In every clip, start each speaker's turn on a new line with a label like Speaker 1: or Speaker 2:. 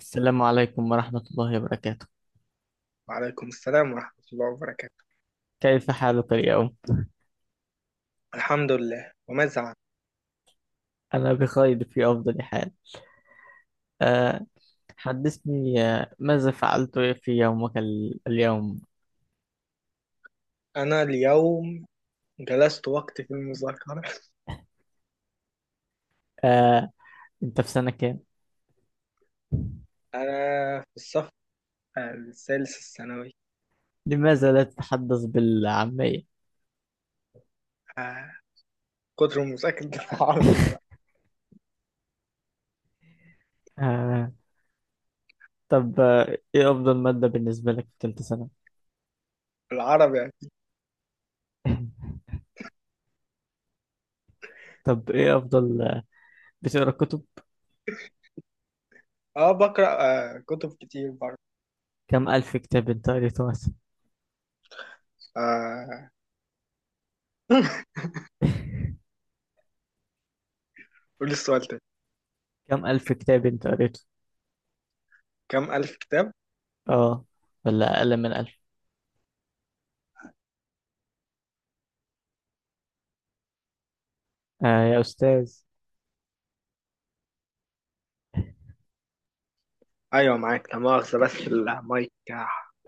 Speaker 1: السلام عليكم ورحمة الله وبركاته.
Speaker 2: وعليكم السلام ورحمة الله وبركاته.
Speaker 1: كيف حالك اليوم؟
Speaker 2: الحمد لله، وماذا عنك؟
Speaker 1: أنا بخير في أفضل حال. أه حدثني، ماذا فعلت في يومك اليوم؟
Speaker 2: أنا اليوم جلست وقت في المذاكرة.
Speaker 1: أه. أنت في سنة كام؟
Speaker 2: أنا في الصف الثالث الثانوي.
Speaker 1: لماذا لا تتحدث بالعامية؟
Speaker 2: آه، كتر مذاكرة العربي بقى.
Speaker 1: أه. طب، إيه أفضل مادة بالنسبة لك في تالتة سنة؟
Speaker 2: العربي يعني.
Speaker 1: طب إيه أفضل آه، بتقرأ كتب؟
Speaker 2: اه بقرأ كتب كتير برضه.
Speaker 1: كم ألف كتاب أنت قريته مثلا؟
Speaker 2: آه قول لي السؤال تاني.
Speaker 1: كم ألف كتاب أنت قريته؟
Speaker 2: كم ألف كتاب؟
Speaker 1: آه. ولا أقل من ألف؟ آه يا أستاذ.
Speaker 2: أيوة معاك، لا مؤاخذة، بس المايك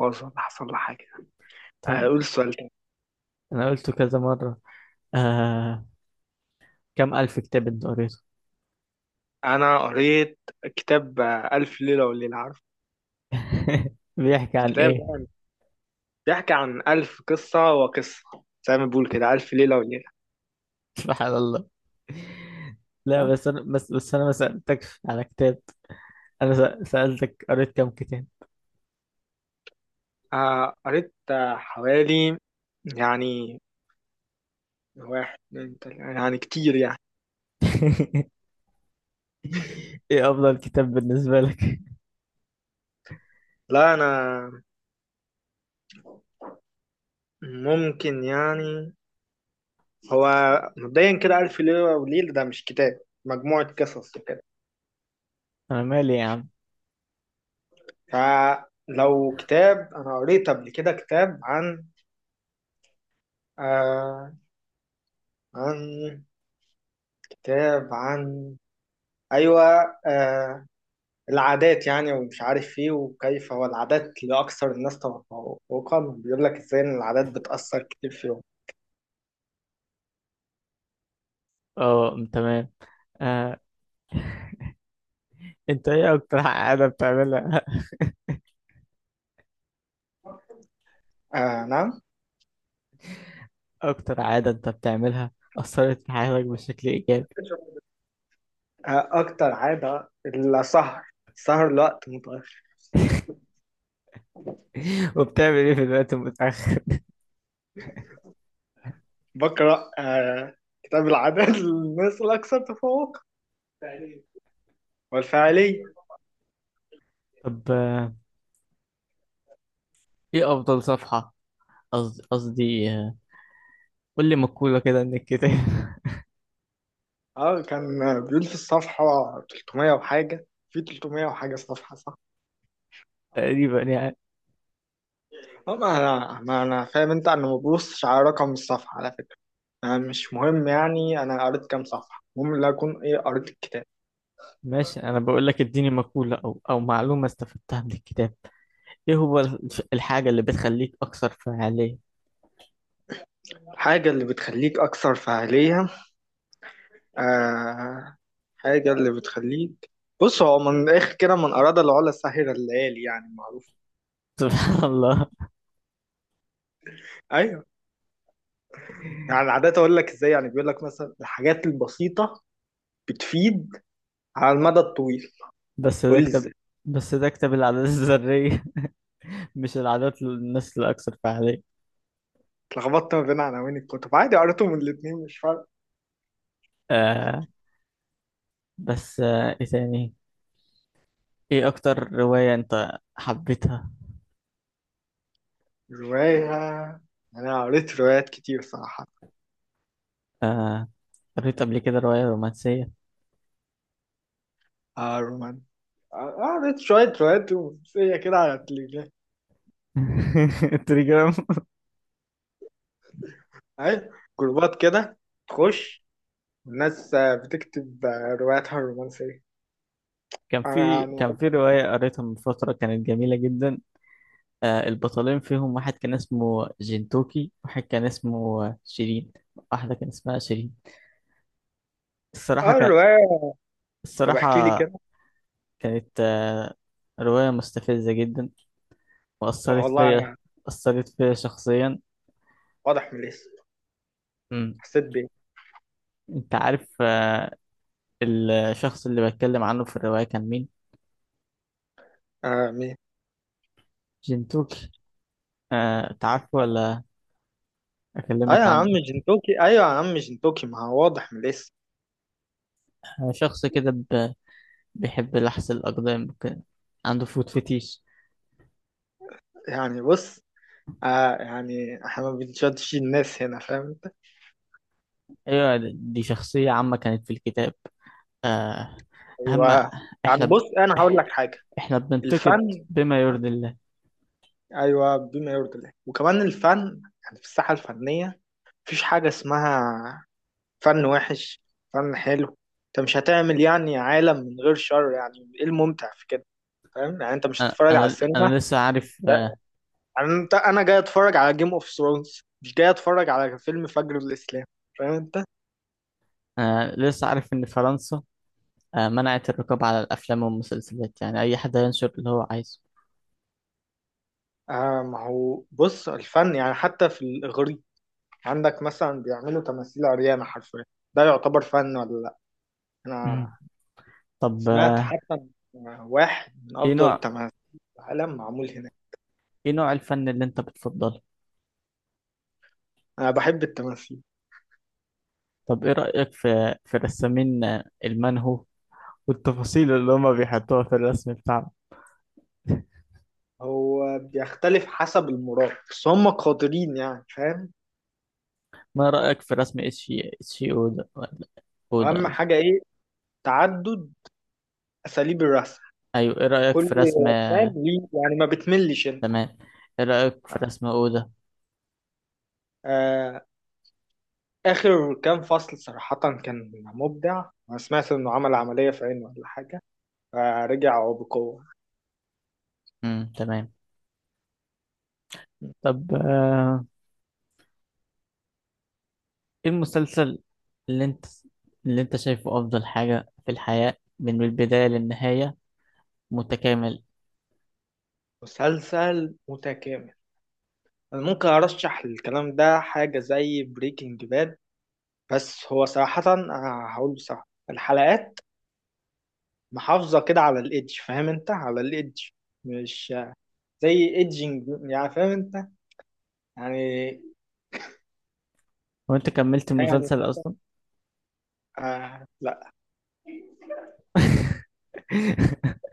Speaker 2: باظ ولا حصل له حاجة.
Speaker 1: طيب.
Speaker 2: قول السؤال تاني.
Speaker 1: انا قلته كذا مرة. آه. كم الف كتاب انت قريته؟
Speaker 2: أنا قريت كتاب ألف ليلة وليلة، عارف؟
Speaker 1: بيحكي عن
Speaker 2: الكتاب
Speaker 1: ايه؟
Speaker 2: ده بيحكي عن ألف قصة وقصة، زي ما بيقول كده ألف ليلة وليلة.
Speaker 1: سبحان الله. لا
Speaker 2: تمام؟
Speaker 1: بس انا بس انا ما سألتكش على كتاب. انا سألتك قريت كم كتاب؟
Speaker 2: قريت حوالي يعني واحد اتنين تلاتة، يعني كتير يعني.
Speaker 1: ايه افضل كتاب بالنسبة لك؟
Speaker 2: لا، أنا ممكن يعني هو مبدئيا كده ألف ليلة وليلة ده مش كتاب، مجموعة قصص وكده.
Speaker 1: انا مالي يا عم.
Speaker 2: فلو كتاب، أنا قريت قبل كده كتاب عن آه عن كتاب عن أيوة آه، العادات يعني، ومش عارف ايه، وكيف هو العادات لأكثر الناس توقعا، بيقول لك ازاي ان العادات بتأثر كتير فيهم.
Speaker 1: اه، تمام. آه انت ايه اكتر عادة بتعملها؟
Speaker 2: نعم.
Speaker 1: اكتر عادة انت بتعملها اثرت في حياتك بشكل ايجابي؟
Speaker 2: أكتر عادة السهر، سهر لوقت متأخر.
Speaker 1: وبتعمل ايه في الوقت المتأخر؟
Speaker 2: بقرأ كتاب العادات للناس الأكثر تفوقا والفعلية.
Speaker 1: طب، ايه افضل صفحة؟ قصدي، قول لي مقولة كده من الكتاب.
Speaker 2: اه كان بيقول في الصفحة 300 وحاجة، في 300 وحاجة صفحة، صح؟
Speaker 1: تقريبا يعني.
Speaker 2: اه ما انا فاهم انت، انا ما ببصش على رقم الصفحة على فكرة. أنا مش مهم يعني أنا قريت كام صفحة، المهم لا أكون إيه قريت الكتاب.
Speaker 1: ماشي، أنا بقول لك اديني مقولة أو معلومة استفدتها من الكتاب. إيه هو الحاجة اللي بتخليك أكثر فعالية؟
Speaker 2: الحاجة اللي بتخليك أكثر فاعلية. آه حاجة اللي بتخليك. بص، هو من الآخر كده، من أراد العلا سهر الليالي، يعني معروف.
Speaker 1: سبحان الله.
Speaker 2: أيوه. يعني عادة أقول لك إزاي؟ يعني بيقول لك مثلا الحاجات البسيطة بتفيد على المدى الطويل.
Speaker 1: بس
Speaker 2: قول
Speaker 1: ده
Speaker 2: لي
Speaker 1: كتاب.
Speaker 2: إزاي.
Speaker 1: بس ده كتاب العادات الذرية، مش العادات للناس الأكثر فعالية.
Speaker 2: اتلخبطت ما بين عناوين الكتب، عادي قريتهم الاتنين، مش فارق.
Speaker 1: آه. بس إيه تاني؟ إيه أكتر رواية أنت حبيتها؟
Speaker 2: رواية. أنا قريت روايات كتير صراحة.
Speaker 1: آه. قريت قبل كده رواية رومانسية؟
Speaker 2: آه رومان قعدت شوية شوية رومانسية كده على التليفزيون.
Speaker 1: تريجر.
Speaker 2: أهي جروبات كده، تخش، الناس بتكتب رواياتها الرومانسية. أنا
Speaker 1: كان
Speaker 2: يعني.
Speaker 1: في رواية قريتها من فترة كانت جميلة جدا. آه، البطلين فيهم واحد كان اسمه جنتوكي، واحد كان اسمه شيرين. واحدة كان اسمها شيرين. الصراحة كان.
Speaker 2: الرواية. طب احكي لي
Speaker 1: الصراحة
Speaker 2: كده.
Speaker 1: كانت آه رواية مستفزة جدا وأثرت
Speaker 2: والله
Speaker 1: فيا.
Speaker 2: أنا.
Speaker 1: أثرت فيا شخصيا.
Speaker 2: واضح من الاسم.
Speaker 1: مم.
Speaker 2: حسيت بإيه؟
Speaker 1: أنت عارف الشخص اللي بتكلم عنه في الرواية كان مين؟
Speaker 2: مين؟
Speaker 1: جنتوكي. آه، تعرفه ولا
Speaker 2: أيوة
Speaker 1: أكلمك
Speaker 2: يا عم
Speaker 1: عنه؟
Speaker 2: جنتوكي، أيوة يا عم جنتوكي، ما هو واضح من الاسم.
Speaker 1: أكتر؟ شخص كده بيحب لحس الأقدام وكده. عنده فوت فتيش.
Speaker 2: يعني بص يعني إحنا ما بنشدش الناس هنا، فاهم أنت؟
Speaker 1: أيوة، دي شخصية عامة كانت في الكتاب. آه، أهم.
Speaker 2: أيوة. يعني
Speaker 1: إحنا ب...
Speaker 2: بص، أنا هقول لك
Speaker 1: إح-
Speaker 2: حاجة.
Speaker 1: إحنا بننتقد
Speaker 2: الفن.
Speaker 1: بما يرضي الله.
Speaker 2: ايوه، بما يرضي الله، وكمان الفن يعني في الساحه الفنيه مفيش حاجه اسمها فن وحش، فن حلو. انت مش هتعمل يعني عالم من غير شر، يعني ايه الممتع في كده؟ فاهم؟ يعني انت مش
Speaker 1: أنا
Speaker 2: هتتفرج على
Speaker 1: أنا
Speaker 2: السينما.
Speaker 1: أنا لسه عارف
Speaker 2: لا. يعني انت، انا جاي اتفرج على جيم اوف ثرونز، مش جاي اتفرج على فيلم فجر الاسلام. فاهم انت؟
Speaker 1: أنا لسه عارف إن فرنسا، منعت الرقابة على الأفلام والمسلسلات، يعني أي حد ينشر اللي هو عايزه.
Speaker 2: ما هو بص، الفن يعني حتى في الاغريق عندك مثلا بيعملوا تماثيل عريانه حرفيا، ده يعتبر فن ولا لا؟
Speaker 1: مم.
Speaker 2: انا
Speaker 1: طب،
Speaker 2: سمعت حتى إن واحد من
Speaker 1: إيه
Speaker 2: أفضل
Speaker 1: نوع
Speaker 2: التماثيل في العالم معمول هناك.
Speaker 1: إيه نوع الفن اللي أنت بتفضله؟
Speaker 2: أنا بحب التماثيل.
Speaker 1: طب إيه رأيك في رسامين، المانهو والتفاصيل اللي هما بيحطوها في الرسم بتاعهم؟
Speaker 2: هو بيختلف حسب المراد، بس هم قادرين يعني، فاهم؟
Speaker 1: ما رأيك في رسم اتشي اودا، ولا اودا
Speaker 2: وأهم
Speaker 1: قصدي.
Speaker 2: حاجة إيه؟ تعدد أساليب الرسم.
Speaker 1: ايوه، ايه رأيك
Speaker 2: كل.
Speaker 1: في رسم؟
Speaker 2: فاهم ليه؟ يعني ما بتملش أنت.
Speaker 1: تمام. ايه رأيك في رسم اودا؟
Speaker 2: آه آخر كام فصل صراحة كان مبدع، أنا سمعت إنه عمل عملية في عينه ولا حاجة، فرجع بقوة.
Speaker 1: امم، تمام. طب، ايه المسلسل اللي انت اللي انت شايفه افضل حاجة في الحياة من البداية للنهاية، متكامل؟
Speaker 2: مسلسل متكامل. أنا ممكن أرشح الكلام ده حاجة زي بريكنج باد. بس هو صراحة هقول بصراحة، الحلقات محافظة كده على الإيدج، فاهم أنت؟ على الإيدج، مش زي إيدجينج، يعني فاهم أنت؟ يعني
Speaker 1: وانت كملت
Speaker 2: يعني
Speaker 1: المسلسل اصلا؟
Speaker 2: لا.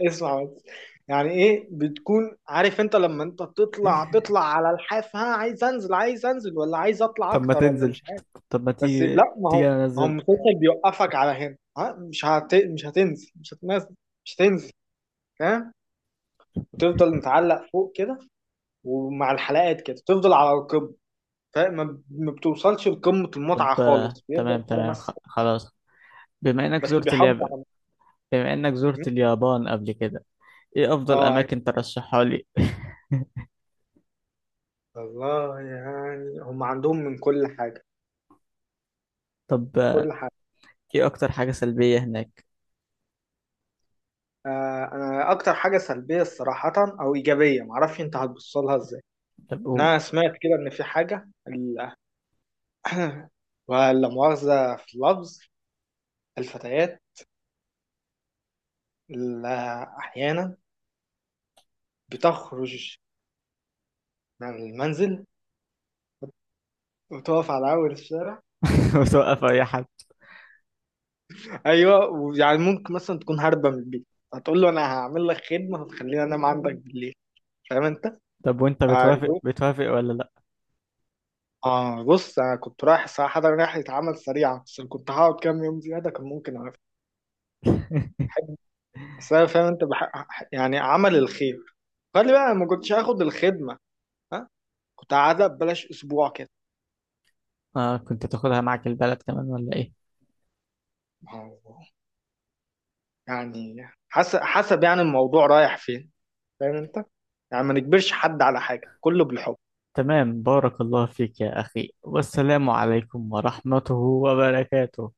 Speaker 2: اسمع بس. يعني إيه؟ بتكون عارف أنت لما أنت تطلع على الحاف، ها، عايز أنزل، عايز أنزل، ولا عايز أطلع
Speaker 1: طب ما
Speaker 2: أكتر، ولا
Speaker 1: تنزل.
Speaker 2: مش عارف.
Speaker 1: طب ما
Speaker 2: بس
Speaker 1: تيجي
Speaker 2: لا، ما هو
Speaker 1: تيجي
Speaker 2: ما هو
Speaker 1: انزل.
Speaker 2: المسلسل بيوقفك على هنا، ها، مش هتنزل، مش هتنزل، مش هتنزل. فاهم. وتفضل متعلق فوق كده، ومع الحلقات كده تفضل على القمة. فما ما ما بتوصلش لقمة المتعة
Speaker 1: طب،
Speaker 2: خالص، بيفضل
Speaker 1: تمام
Speaker 2: كده
Speaker 1: تمام.
Speaker 2: مثلا.
Speaker 1: خلاص. بما انك
Speaker 2: بس
Speaker 1: زرت
Speaker 2: بيحافظ
Speaker 1: اليابان
Speaker 2: على.
Speaker 1: بما انك
Speaker 2: م?
Speaker 1: زرت اليابان قبل كده، ايه افضل
Speaker 2: اه
Speaker 1: اماكن ترشحها لي؟
Speaker 2: والله، يعني هم عندهم من كل حاجة،
Speaker 1: طب،
Speaker 2: كل حاجة.
Speaker 1: ايه اكتر حاجة سلبية هناك؟
Speaker 2: انا اكتر حاجة سلبية صراحة، او ايجابية معرفش انت هتبص لها ازاي.
Speaker 1: طب
Speaker 2: إن
Speaker 1: قول.
Speaker 2: انا سمعت كده ان في حاجة ولا مؤاخذة في اللفظ، الفتيات اللي أحيانا بتخرج من المنزل وتقف على أول الشارع.
Speaker 1: وتوقف اي حد؟
Speaker 2: ايوه، ويعني ممكن مثلا تكون هاربه من البيت، هتقول له انا هعمل لك خدمه هتخليني انام عندك بالليل، فاهم انت؟
Speaker 1: طب وانت بتوافق
Speaker 2: ايوه.
Speaker 1: ولا لا؟
Speaker 2: اه بص، انا كنت رايح الساعه 11 رحله عمل سريعه، بس لو كنت هقعد كام يوم زياده كان ممكن اعرف حد. بس انا فاهم انت يعني عمل الخير. قال لي بقى، أنا ما كنتش هاخد الخدمه، ها، كنت قاعده ببلاش اسبوع كده.
Speaker 1: آه، كنت تاخدها معك البلد كمان ولا ايه؟
Speaker 2: ما هو يعني حسب يعني الموضوع رايح فين، فاهم انت؟ يعني ما نجبرش حد على حاجه، كله بالحب.
Speaker 1: تمام، بارك الله فيك يا اخي، والسلام عليكم ورحمته وبركاته.